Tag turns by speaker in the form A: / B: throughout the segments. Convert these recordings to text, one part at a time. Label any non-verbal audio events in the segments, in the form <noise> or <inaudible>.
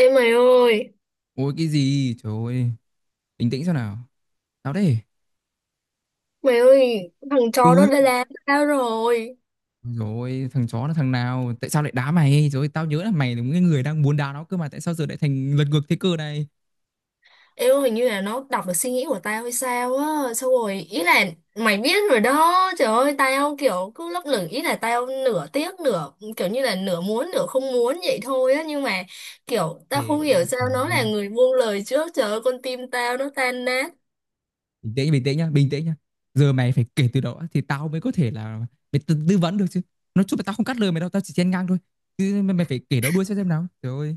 A: Ê
B: Ôi cái gì? Trời ơi, bình tĩnh xem nào. Tao đây.
A: mày ơi, thằng
B: Ừ.
A: chó đó đã làm tao rồi.
B: Rồi, thằng chó là thằng nào? Tại sao lại đá mày? Rồi tao nhớ là mày là cái người đang muốn đá nó cơ mà tại sao giờ lại thành lật ngược thế cơ này?
A: Ê ơi, hình như là nó đọc được suy nghĩ của tao hay sao á. Xong rồi, ý là mày biết rồi đó. Trời ơi, tao kiểu cứ lấp lửng. Ý là tao nửa tiếc, nửa kiểu như là nửa muốn, nửa không muốn vậy thôi á. Nhưng mà kiểu tao không
B: Thế,
A: hiểu sao
B: trời
A: nó là
B: ơi.
A: người buông lời trước. Trời ơi, con tim tao nó tan nát.
B: Bình tĩnh nhá, bình tĩnh nhá. Giờ mày phải kể từ đầu á, thì tao mới có thể là mày tư vấn được chứ. Nói chung là tao không cắt lời mày đâu, tao chỉ chen ngang thôi. Chứ mày, mày phải kể nó đuôi xem nào. Trời ơi.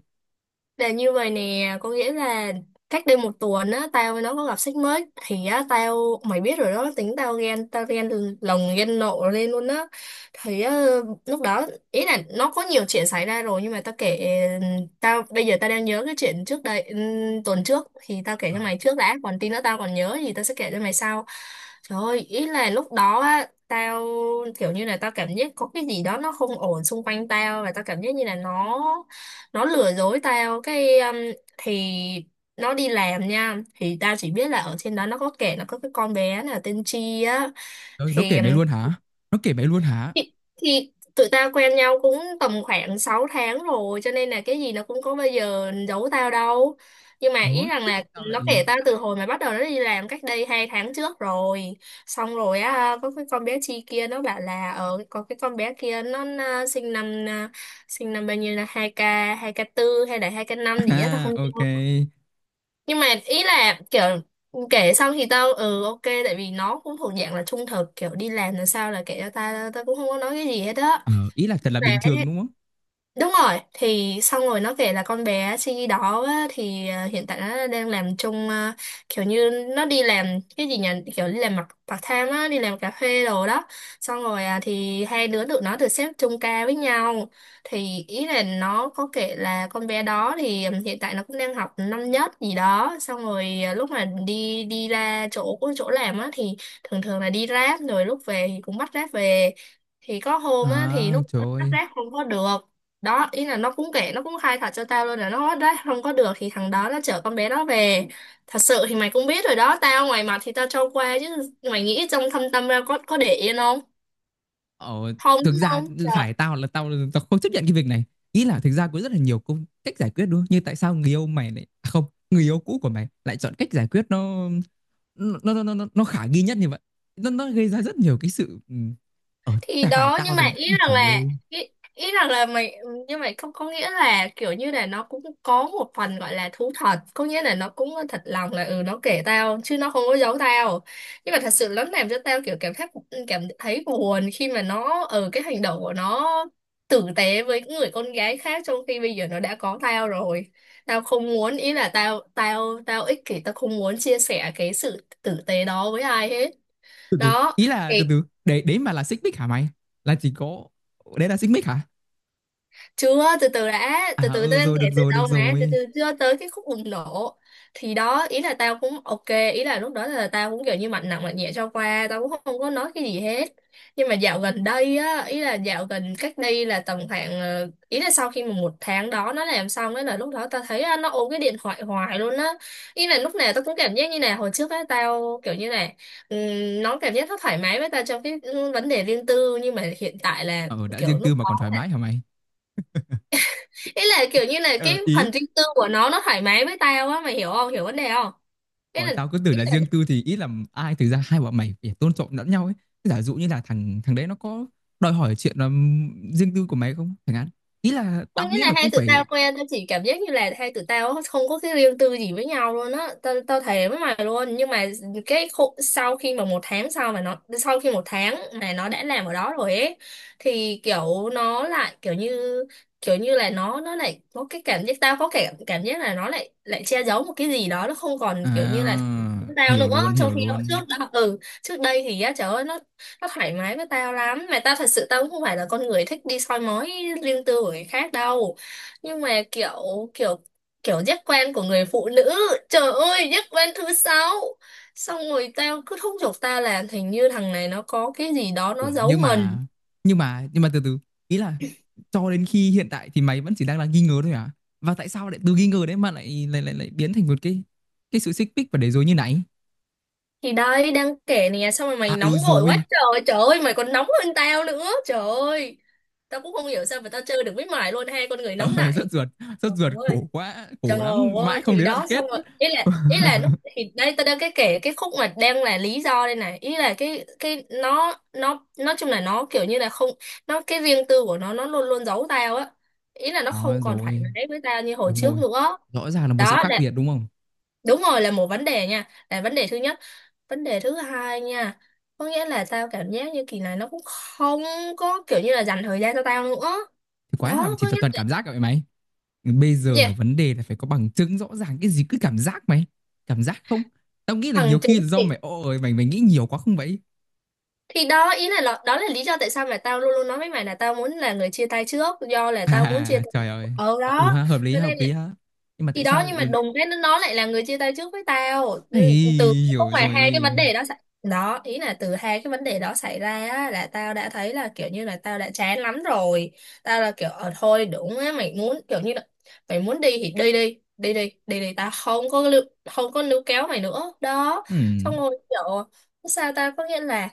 A: Là như vậy nè, có nghĩa là cách đây một tuần á, tao với nó có gặp sách mới thì á, tao mày biết rồi đó, tính tao ghen lồng ghen nộ lên luôn á. Thì á, lúc đó ý là nó có nhiều chuyện xảy ra rồi nhưng mà tao kể tao bây giờ tao đang nhớ cái chuyện trước đây tuần trước thì tao kể
B: Ờ,
A: cho mày trước đã, còn tí nữa tao còn nhớ thì tao sẽ kể cho mày sau. Trời ơi, ý là lúc đó á tao kiểu như là tao cảm giác có cái gì đó nó không ổn xung quanh tao, và tao cảm giác như là nó lừa dối tao cái thì nó đi làm nha, thì tao chỉ biết là ở trên đó nó có kể nó có cái con bé là tên Chi á.
B: trời ơi, nó
A: thì
B: kể mày luôn hả? Nó kể mày luôn hả?
A: thì, thì tụi tao quen nhau cũng tầm khoảng 6 tháng rồi, cho nên là cái gì nó cũng có bây giờ giấu tao đâu. Nhưng mà ý
B: Ồ,
A: rằng
B: thế
A: là
B: tại sao
A: nó
B: lại...
A: kể tao
B: <laughs>
A: từ hồi mà bắt đầu nó đi làm cách đây 2 tháng trước rồi. Xong rồi á, có cái con bé Chi kia nó bảo là ở có cái con bé kia nó sinh năm à, sinh năm bao nhiêu, là hai k tư hay là hai k năm gì á tao không
B: À, ok.
A: nhớ. Nhưng mà ý là kiểu kể xong thì tao ừ ok, tại vì nó cũng thuộc dạng là trung thực, kiểu đi làm là sao là kể cho tao, tao cũng không có nói cái gì hết á.
B: Ờ, ý là thật là
A: Sẽ
B: bình thường đúng không?
A: đúng rồi, thì xong rồi nó kể là con bé Chi đó á, thì hiện tại nó đang làm chung, kiểu như nó đi làm cái gì nhỉ, kiểu đi làm mặt part time á, đi làm cà phê đồ đó. Xong rồi à, thì hai đứa tụi nó được xếp chung ca với nhau. Thì ý là nó có kể là con bé đó thì hiện tại nó cũng đang học năm nhất gì đó. Xong rồi à, lúc mà đi đi ra chỗ chỗ làm á thì thường thường là đi ráp rồi lúc về thì cũng bắt ráp về. Thì có hôm á, thì
B: À,
A: lúc
B: trời
A: bắt
B: ơi.
A: ráp không có được đó, ý là nó cũng kể nó cũng khai thật cho tao luôn là nó đấy không có được, thì thằng đó nó chở con bé đó về. Thật sự thì mày cũng biết rồi đó, tao ngoài mặt thì tao cho qua chứ mày nghĩ trong thâm tâm ra có để yên không,
B: Ờ,
A: không
B: thực
A: đúng
B: ra
A: không trời.
B: phải tao là tao không chấp nhận cái việc này. Ý là thực ra có rất là nhiều công cách giải quyết đúng không? Như tại sao người yêu mày lại à, không, người yêu cũ của mày lại chọn cách giải quyết nó khả nghi nhất như vậy. Nó gây ra rất nhiều cái sự ừ, ờ
A: Thì
B: tại phải
A: đó
B: tao
A: nhưng mà
B: rồi.
A: ý
B: Ôi,
A: rằng
B: Trời
A: là
B: ơi.
A: ý rằng là mày, nhưng mà không có nghĩa là kiểu như là nó cũng có một phần gọi là thú thật, có nghĩa là nó cũng thật lòng là ừ nó kể tao chứ nó không có giấu tao. Nhưng mà thật sự nó làm cho tao kiểu cảm thấy, cảm thấy buồn khi mà nó ở cái hành động của nó tử tế với người con gái khác, trong khi bây giờ nó đã có tao rồi. Tao không muốn, ý là tao tao tao ích kỷ, tao không muốn chia sẻ cái sự tử tế đó với ai hết
B: Từ từ.
A: đó.
B: Ý là từ từ. Đấy đấy mà là xích mích hả mày? Là chỉ có đấy là xích mích hả?
A: Chưa, từ từ đã, từ
B: À
A: từ,
B: ừ
A: tao đang
B: rồi được
A: kể từ
B: rồi được
A: đâu mà, từ
B: rồi.
A: từ chưa tới cái khúc bùng nổ. Thì đó ý là tao cũng ok, ý là lúc đó là tao cũng kiểu như mạnh nặng mạnh nhẹ cho qua, tao cũng không có nói cái gì hết. Nhưng mà dạo gần đây á, ý là dạo gần cách đây là tầm khoảng ý là sau khi mà một tháng đó nó làm xong ấy, là lúc đó tao thấy á, nó ôm cái điện thoại hoài luôn á. Ý là lúc nào tao cũng cảm giác như này, hồi trước á tao kiểu như này nó cảm giác nó thoải mái với tao trong cái vấn đề riêng tư, nhưng mà hiện tại là
B: Ờ đã
A: kiểu
B: riêng tư
A: lúc,
B: mà còn thoải mái hả mày?
A: ý là kiểu như là cái
B: Ờ ý
A: phần riêng tư của nó thoải mái với tao á, mày hiểu không, hiểu vấn đề không? ý
B: Ồ,
A: là
B: tao cứ tưởng
A: ý
B: là
A: là
B: riêng tư thì ít làm ai thực ra hai bọn mày phải tôn trọng lẫn nhau ấy. Giả dụ như là thằng thằng đấy nó có đòi hỏi chuyện là riêng tư của mày không? Thằng hạn. Ý là
A: có
B: tao
A: nghĩa
B: nghĩ
A: là
B: là cũng
A: hai tụi tao
B: phải
A: quen, tao chỉ cảm giác như là hai tụi tao không có cái riêng tư gì với nhau luôn á, tao tao thề với mày luôn. Nhưng mà cái khu, sau khi mà một tháng sau mà nó sau khi một tháng mà nó đã làm ở đó rồi ấy, thì kiểu nó lại kiểu như là nó lại có cái cảm giác, tao có cảm cảm giác là nó lại lại che giấu một cái gì đó, nó không còn
B: à,
A: kiểu như là tao
B: hiểu
A: nữa.
B: luôn,
A: Trong
B: hiểu
A: khi hồi
B: luôn.
A: trước đó trước đây thì á, trời ơi, nó thoải mái với tao lắm. Mà tao thật sự tao cũng không phải là con người thích đi soi mói riêng tư của người khác đâu. Nhưng mà kiểu kiểu kiểu giác quan của người phụ nữ, trời ơi, giác quan thứ sáu. Xong rồi tao cứ thúc giục tao là hình như thằng này nó có cái gì đó nó
B: Ủa
A: giấu
B: nhưng
A: mình.
B: mà từ từ ý là cho đến khi hiện tại thì mày vẫn chỉ đang là nghi ngờ thôi à? Và tại sao lại từ nghi ngờ đấy mà lại biến thành một cái sự xích mích và để rồi như này?
A: Thì đây đang kể nè, xong rồi mày
B: À
A: nóng
B: ừ
A: vội quá
B: rồi. <laughs>
A: trời, trời ơi mày còn nóng hơn tao nữa, trời ơi. Tao cũng không hiểu sao mà tao chơi được với mày luôn, hai con người
B: Ờ,
A: nóng này.
B: rất
A: Trời
B: ruột
A: ơi,
B: khổ quá,
A: trời
B: khổ lắm,
A: ơi,
B: mãi không
A: thì
B: đến đoạn
A: đó, xong
B: kết.
A: rồi, ý là
B: <laughs>
A: lúc, thì đây tôi đang cái kể cái khúc mà đang là lý do đây này. Ý là cái nó nói chung là nó kiểu như là không, nó cái riêng tư của nó luôn luôn giấu tao á, ý là nó
B: Đó
A: không còn thoải
B: rồi,
A: mái với tao như hồi
B: đúng
A: trước
B: rồi.
A: nữa.
B: Rõ ràng là một sự
A: Đó
B: khác
A: là,
B: biệt đúng không?
A: đúng rồi, là một vấn đề nha, là vấn đề thứ nhất. Vấn đề thứ hai nha, có nghĩa là tao cảm giác như kỳ này nó cũng không có kiểu như là dành thời gian cho tao nữa
B: Thì quái nào mà
A: đó, có
B: chỉ là
A: nghĩa
B: toàn
A: là
B: cảm giác cả vậy mày. Bây giờ là
A: yeah,
B: vấn đề là phải có bằng chứng rõ ràng cái gì cứ cảm giác mày. Cảm giác không? Tao nghĩ là nhiều
A: bằng chứng.
B: khi là do mày ôi mày mày nghĩ nhiều quá không vậy?
A: Thì đó ý là đó là lý do tại sao mà tao luôn luôn nói với mày là tao muốn là người chia tay trước, do là tao muốn chia
B: À
A: tay
B: trời
A: trước.
B: ơi.
A: Ờ
B: Ờ, Ừ
A: Đó
B: ha, hợp lý
A: cho
B: ha,
A: nên
B: hợp
A: là,
B: lý ha. Nhưng mà
A: thì
B: tại
A: đó
B: sao
A: nhưng mà
B: lại
A: đùng cái nó lại là người chia tay trước với tao.
B: Ây,
A: Ừ, từ lúc
B: hiểu
A: mà hai cái
B: rồi.
A: vấn đề đó xảy đó, ý là từ hai cái vấn đề đó xảy ra á, là tao đã thấy là kiểu như là tao đã chán lắm rồi. Tao là kiểu ờ thôi đúng á mày muốn kiểu như là mày muốn đi thì đi đi đi đi đi đi, tao không có lưu, không có níu kéo mày nữa đó.
B: Ừm,
A: Xong rồi kiểu sao ta, có nghĩa là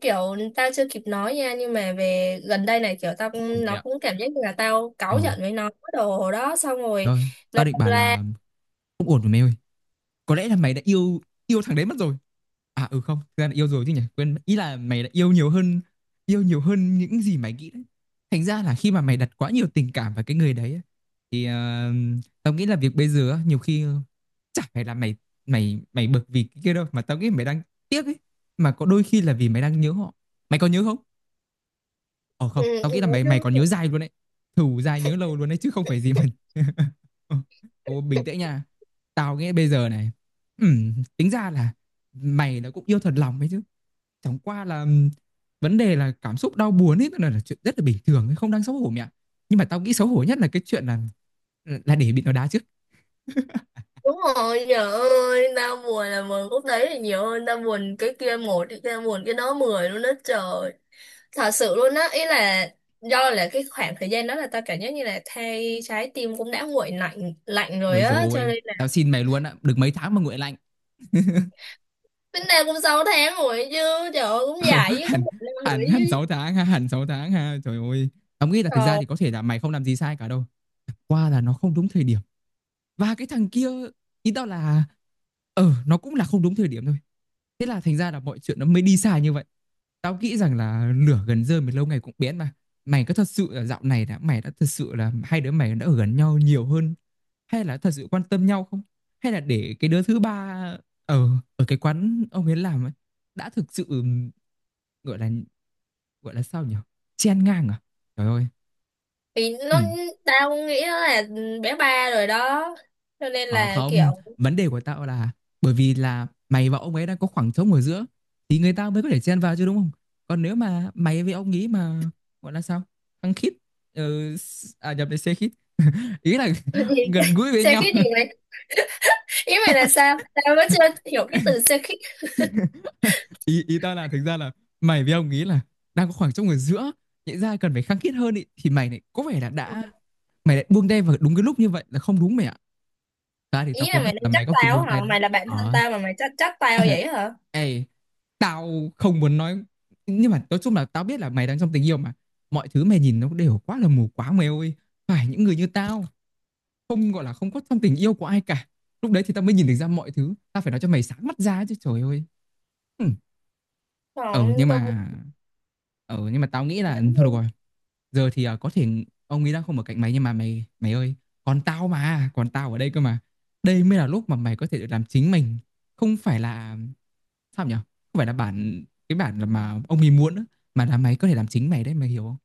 A: kiểu tao chưa kịp nói nha nhưng mà về gần đây này kiểu
B: không ổn rồi mẹ
A: nó
B: ạ.
A: cũng cảm giác như là tao cáu
B: Ờ,
A: giận với nó cái đồ đó, xong rồi
B: rồi, tao
A: nó
B: định
A: đâm
B: bảo
A: ra.
B: là không ổn rồi mẹ ơi. Có lẽ là mày đã yêu yêu thằng đấy mất rồi. À ừ không thực ra là yêu rồi chứ nhỉ, quên, ý là mày đã yêu nhiều hơn, yêu nhiều hơn những gì mày nghĩ đấy. Thành ra là khi mà mày đặt quá nhiều tình cảm vào cái người đấy thì ờ, tao nghĩ là việc bây giờ á, nhiều khi ờ, chả phải là mày mày mày bực vì cái kia đâu mà tao nghĩ mày đang tiếc ấy, mà có đôi khi là vì mày đang nhớ họ. Mày có nhớ không? Ờ không
A: Ừ,
B: tao nghĩ
A: ừ,
B: là mày mày còn nhớ dai luôn đấy, thù dai nhớ lâu luôn đấy chứ không phải gì mình. <laughs> Ô, bình tĩnh nha. Tao nghĩ bây giờ này, tính ra là mày nó cũng yêu thật lòng ấy chứ. Chẳng qua là vấn đề là cảm xúc đau buồn ấy là chuyện rất là bình thường, ấy, không đáng xấu hổ mẹ. Nhưng mà tao nghĩ xấu hổ nhất là cái chuyện là để bị nó đá trước. <laughs>
A: đúng rồi, trời ơi, tao buồn là buồn khúc đấy là nhiều hơn, tao buồn cái kia một, cái kia buồn cái đó mười luôn đó trời, thật sự luôn á. Ý là do là cái khoảng thời gian đó là tao cảm giác như là thay trái tim cũng đã nguội lạnh lạnh rồi
B: Ôi dồi
A: á, cho
B: ôi,
A: nên là
B: tao xin mày luôn á, được mấy tháng mà nguội lạnh. <laughs>
A: tính ra cũng 6 tháng rồi chứ, trời ơi cũng
B: Ờ,
A: dài chứ, cũng
B: hẳn
A: một năm rồi
B: hẳn hẳn 6
A: chứ
B: tháng ha, hẳn 6 tháng ha. Trời ơi. Tao nghĩ là thực ra
A: trời.
B: thì có thể là mày không làm gì sai cả đâu. Chẳng qua là nó không đúng thời điểm. Và cái thằng kia, ý tao là, ờ nó cũng là không đúng thời điểm thôi. Thế là thành ra là mọi chuyện nó mới đi xa như vậy. Tao nghĩ rằng là lửa gần rơm thì lâu ngày cũng biến mà. Mày có thật sự là dạo này đã mày đã thật sự là hai đứa mày đã ở gần nhau nhiều hơn hay là thật sự quan tâm nhau không? Hay là để cái đứa thứ ba ở ở cái quán ông ấy làm ấy đã thực sự gọi là, gọi là sao nhỉ? Chen ngang à? Trời ơi.
A: Thì
B: Ừ.
A: nó, tao nghĩ nó là bé ba rồi đó, cho nên
B: Ờ
A: là kiểu.
B: không, vấn đề của tao là bởi vì là mày và ông ấy đang có khoảng trống ở giữa thì người ta mới có thể chen vào chứ đúng không? Còn nếu mà mày với ông ý mà gọi là sao? Khăng khít ờ, à nhập về xe khít. Ý là
A: <laughs>
B: <laughs>
A: Gì?
B: gần gũi với
A: Xe
B: nhau.
A: khít gì mày, ý mày là sao, tao vẫn chưa hiểu cái từ
B: <laughs>
A: xe khít.
B: Ý ý tao là thực ra là mày với ông ý là đang có khoảng trống ở giữa, nhẽ ra cần phải khăng khít hơn ý, thì mày lại có vẻ là
A: Ừ.
B: đã mày lại buông tay vào đúng cái lúc như vậy là không đúng mày ạ. Ta thì tao
A: Ý là
B: kém bắt
A: mày đang
B: là
A: trách
B: mày có kịp
A: tao
B: buông
A: hả,
B: tay đâu.
A: mày là bạn thân
B: Ờ
A: tao mà mày trách trách tao vậy hả?
B: <laughs> Ê, tao không muốn nói nhưng mà nói chung là tao biết là mày đang trong tình yêu mà mọi thứ mày nhìn nó đều quá là mù quáng mày ơi. Phải những người như tao không gọi là không có trong tình yêu của ai cả, lúc đấy thì tao mới nhìn được ra mọi thứ, tao phải nói cho mày sáng mắt ra chứ trời ơi. Ừ. Ờ
A: Còn
B: nhưng
A: tao buồn
B: mà tao nghĩ là
A: lắm
B: thôi được
A: luôn.
B: rồi, giờ thì à, có thể ông ấy đang không ở cạnh mày nhưng mà mày mày ơi, còn tao mà còn tao ở đây cơ mà. Đây mới là lúc mà mày có thể được làm chính mình, không phải là, sao nhỉ, không phải là bản cái bản mà ông ấy muốn á, mà là mày có thể làm chính mày đấy, mày hiểu không?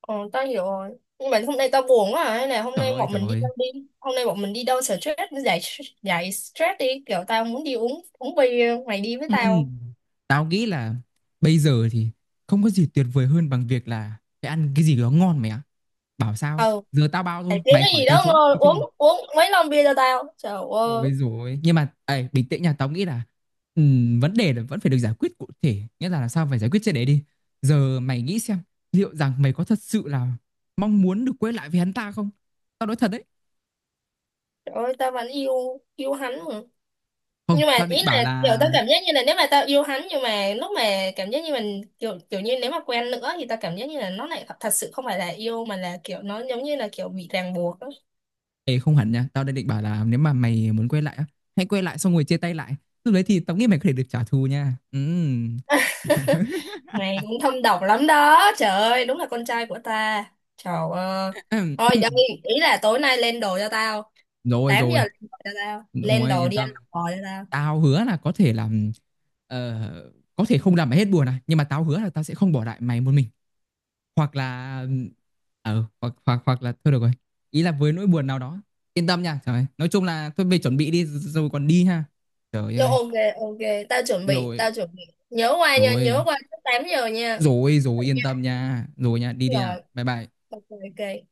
A: Ờ tao hiểu rồi, nhưng mà hôm nay tao buồn quá à. Hay là hôm
B: Trời
A: nay
B: ơi,
A: bọn
B: trời
A: mình đi
B: ơi.
A: đâu đi, hôm nay bọn mình đi đâu stress, giải giải stress đi, kiểu tao muốn đi uống uống bia, mày đi với
B: Ừ.
A: tao.
B: Tao nghĩ là bây giờ thì không có gì tuyệt vời hơn bằng việc là phải ăn cái gì đó ngon mày ạ. Bảo sao
A: Ờ,
B: giờ tao bao thôi
A: phải kiếm
B: mày
A: cái
B: khỏi
A: gì
B: từ
A: đó
B: chối
A: ngồi
B: được chưa.
A: uống uống mấy lon bia cho tao, trời ơi.
B: Ôi rồi nhưng mà ấy, bình tĩnh nha, tao nghĩ là vấn đề là vẫn phải được giải quyết cụ thể, nghĩa là làm sao phải giải quyết triệt để đi. Giờ mày nghĩ xem liệu rằng mày có thật sự là mong muốn được quay lại với hắn ta không? Tao nói thật đấy.
A: Trời ơi, tao vẫn yêu yêu hắn mà.
B: Không
A: Nhưng mà
B: tao
A: ý
B: định bảo
A: là kiểu
B: là
A: tao cảm giác như là nếu mà tao yêu hắn nhưng mà lúc mà cảm giác như mình kiểu kiểu như nếu mà quen nữa thì tao cảm giác như là nó lại thật sự không phải là yêu, mà là kiểu nó giống như là kiểu bị ràng buộc á.
B: Ê, không hẳn nha, tao đang định bảo là nếu mà mày muốn quay lại á, hãy quay lại xong rồi chia tay lại, lúc đấy thì tao nghĩ mày có thể được trả thù nha. Ừm. <laughs>
A: Mày cũng thâm độc lắm đó. Trời ơi, đúng là con trai của ta. Trời ơi. Thôi đây,
B: <coughs>
A: ý là tối nay lên đồ cho tao.
B: Rồi
A: 8 giờ
B: rồi.
A: lên đồ cho tao. Lên
B: Ôi
A: đồ
B: yên
A: đi ăn
B: tâm,
A: bò cho tao.
B: tao hứa là có thể làm ờ, có thể không làm mày hết buồn à, nhưng mà tao hứa là tao sẽ không bỏ lại mày một mình. Hoặc là ờ, hoặc, hoặc là thôi được rồi. Ý là với nỗi buồn nào đó, yên tâm nha trời ơi. Nói chung là thôi về chuẩn bị đi. Rồi còn đi ha. Trời
A: Rồi,
B: ơi.
A: ok ok, tao chuẩn bị,
B: Rồi.
A: tao chuẩn bị. Nhớ qua nha, nhớ
B: Rồi.
A: qua trước 8 giờ nha.
B: Rồi rồi yên tâm nha. Rồi nha, đi đi nha.
A: Rồi.
B: Bye bye.
A: Ok ok.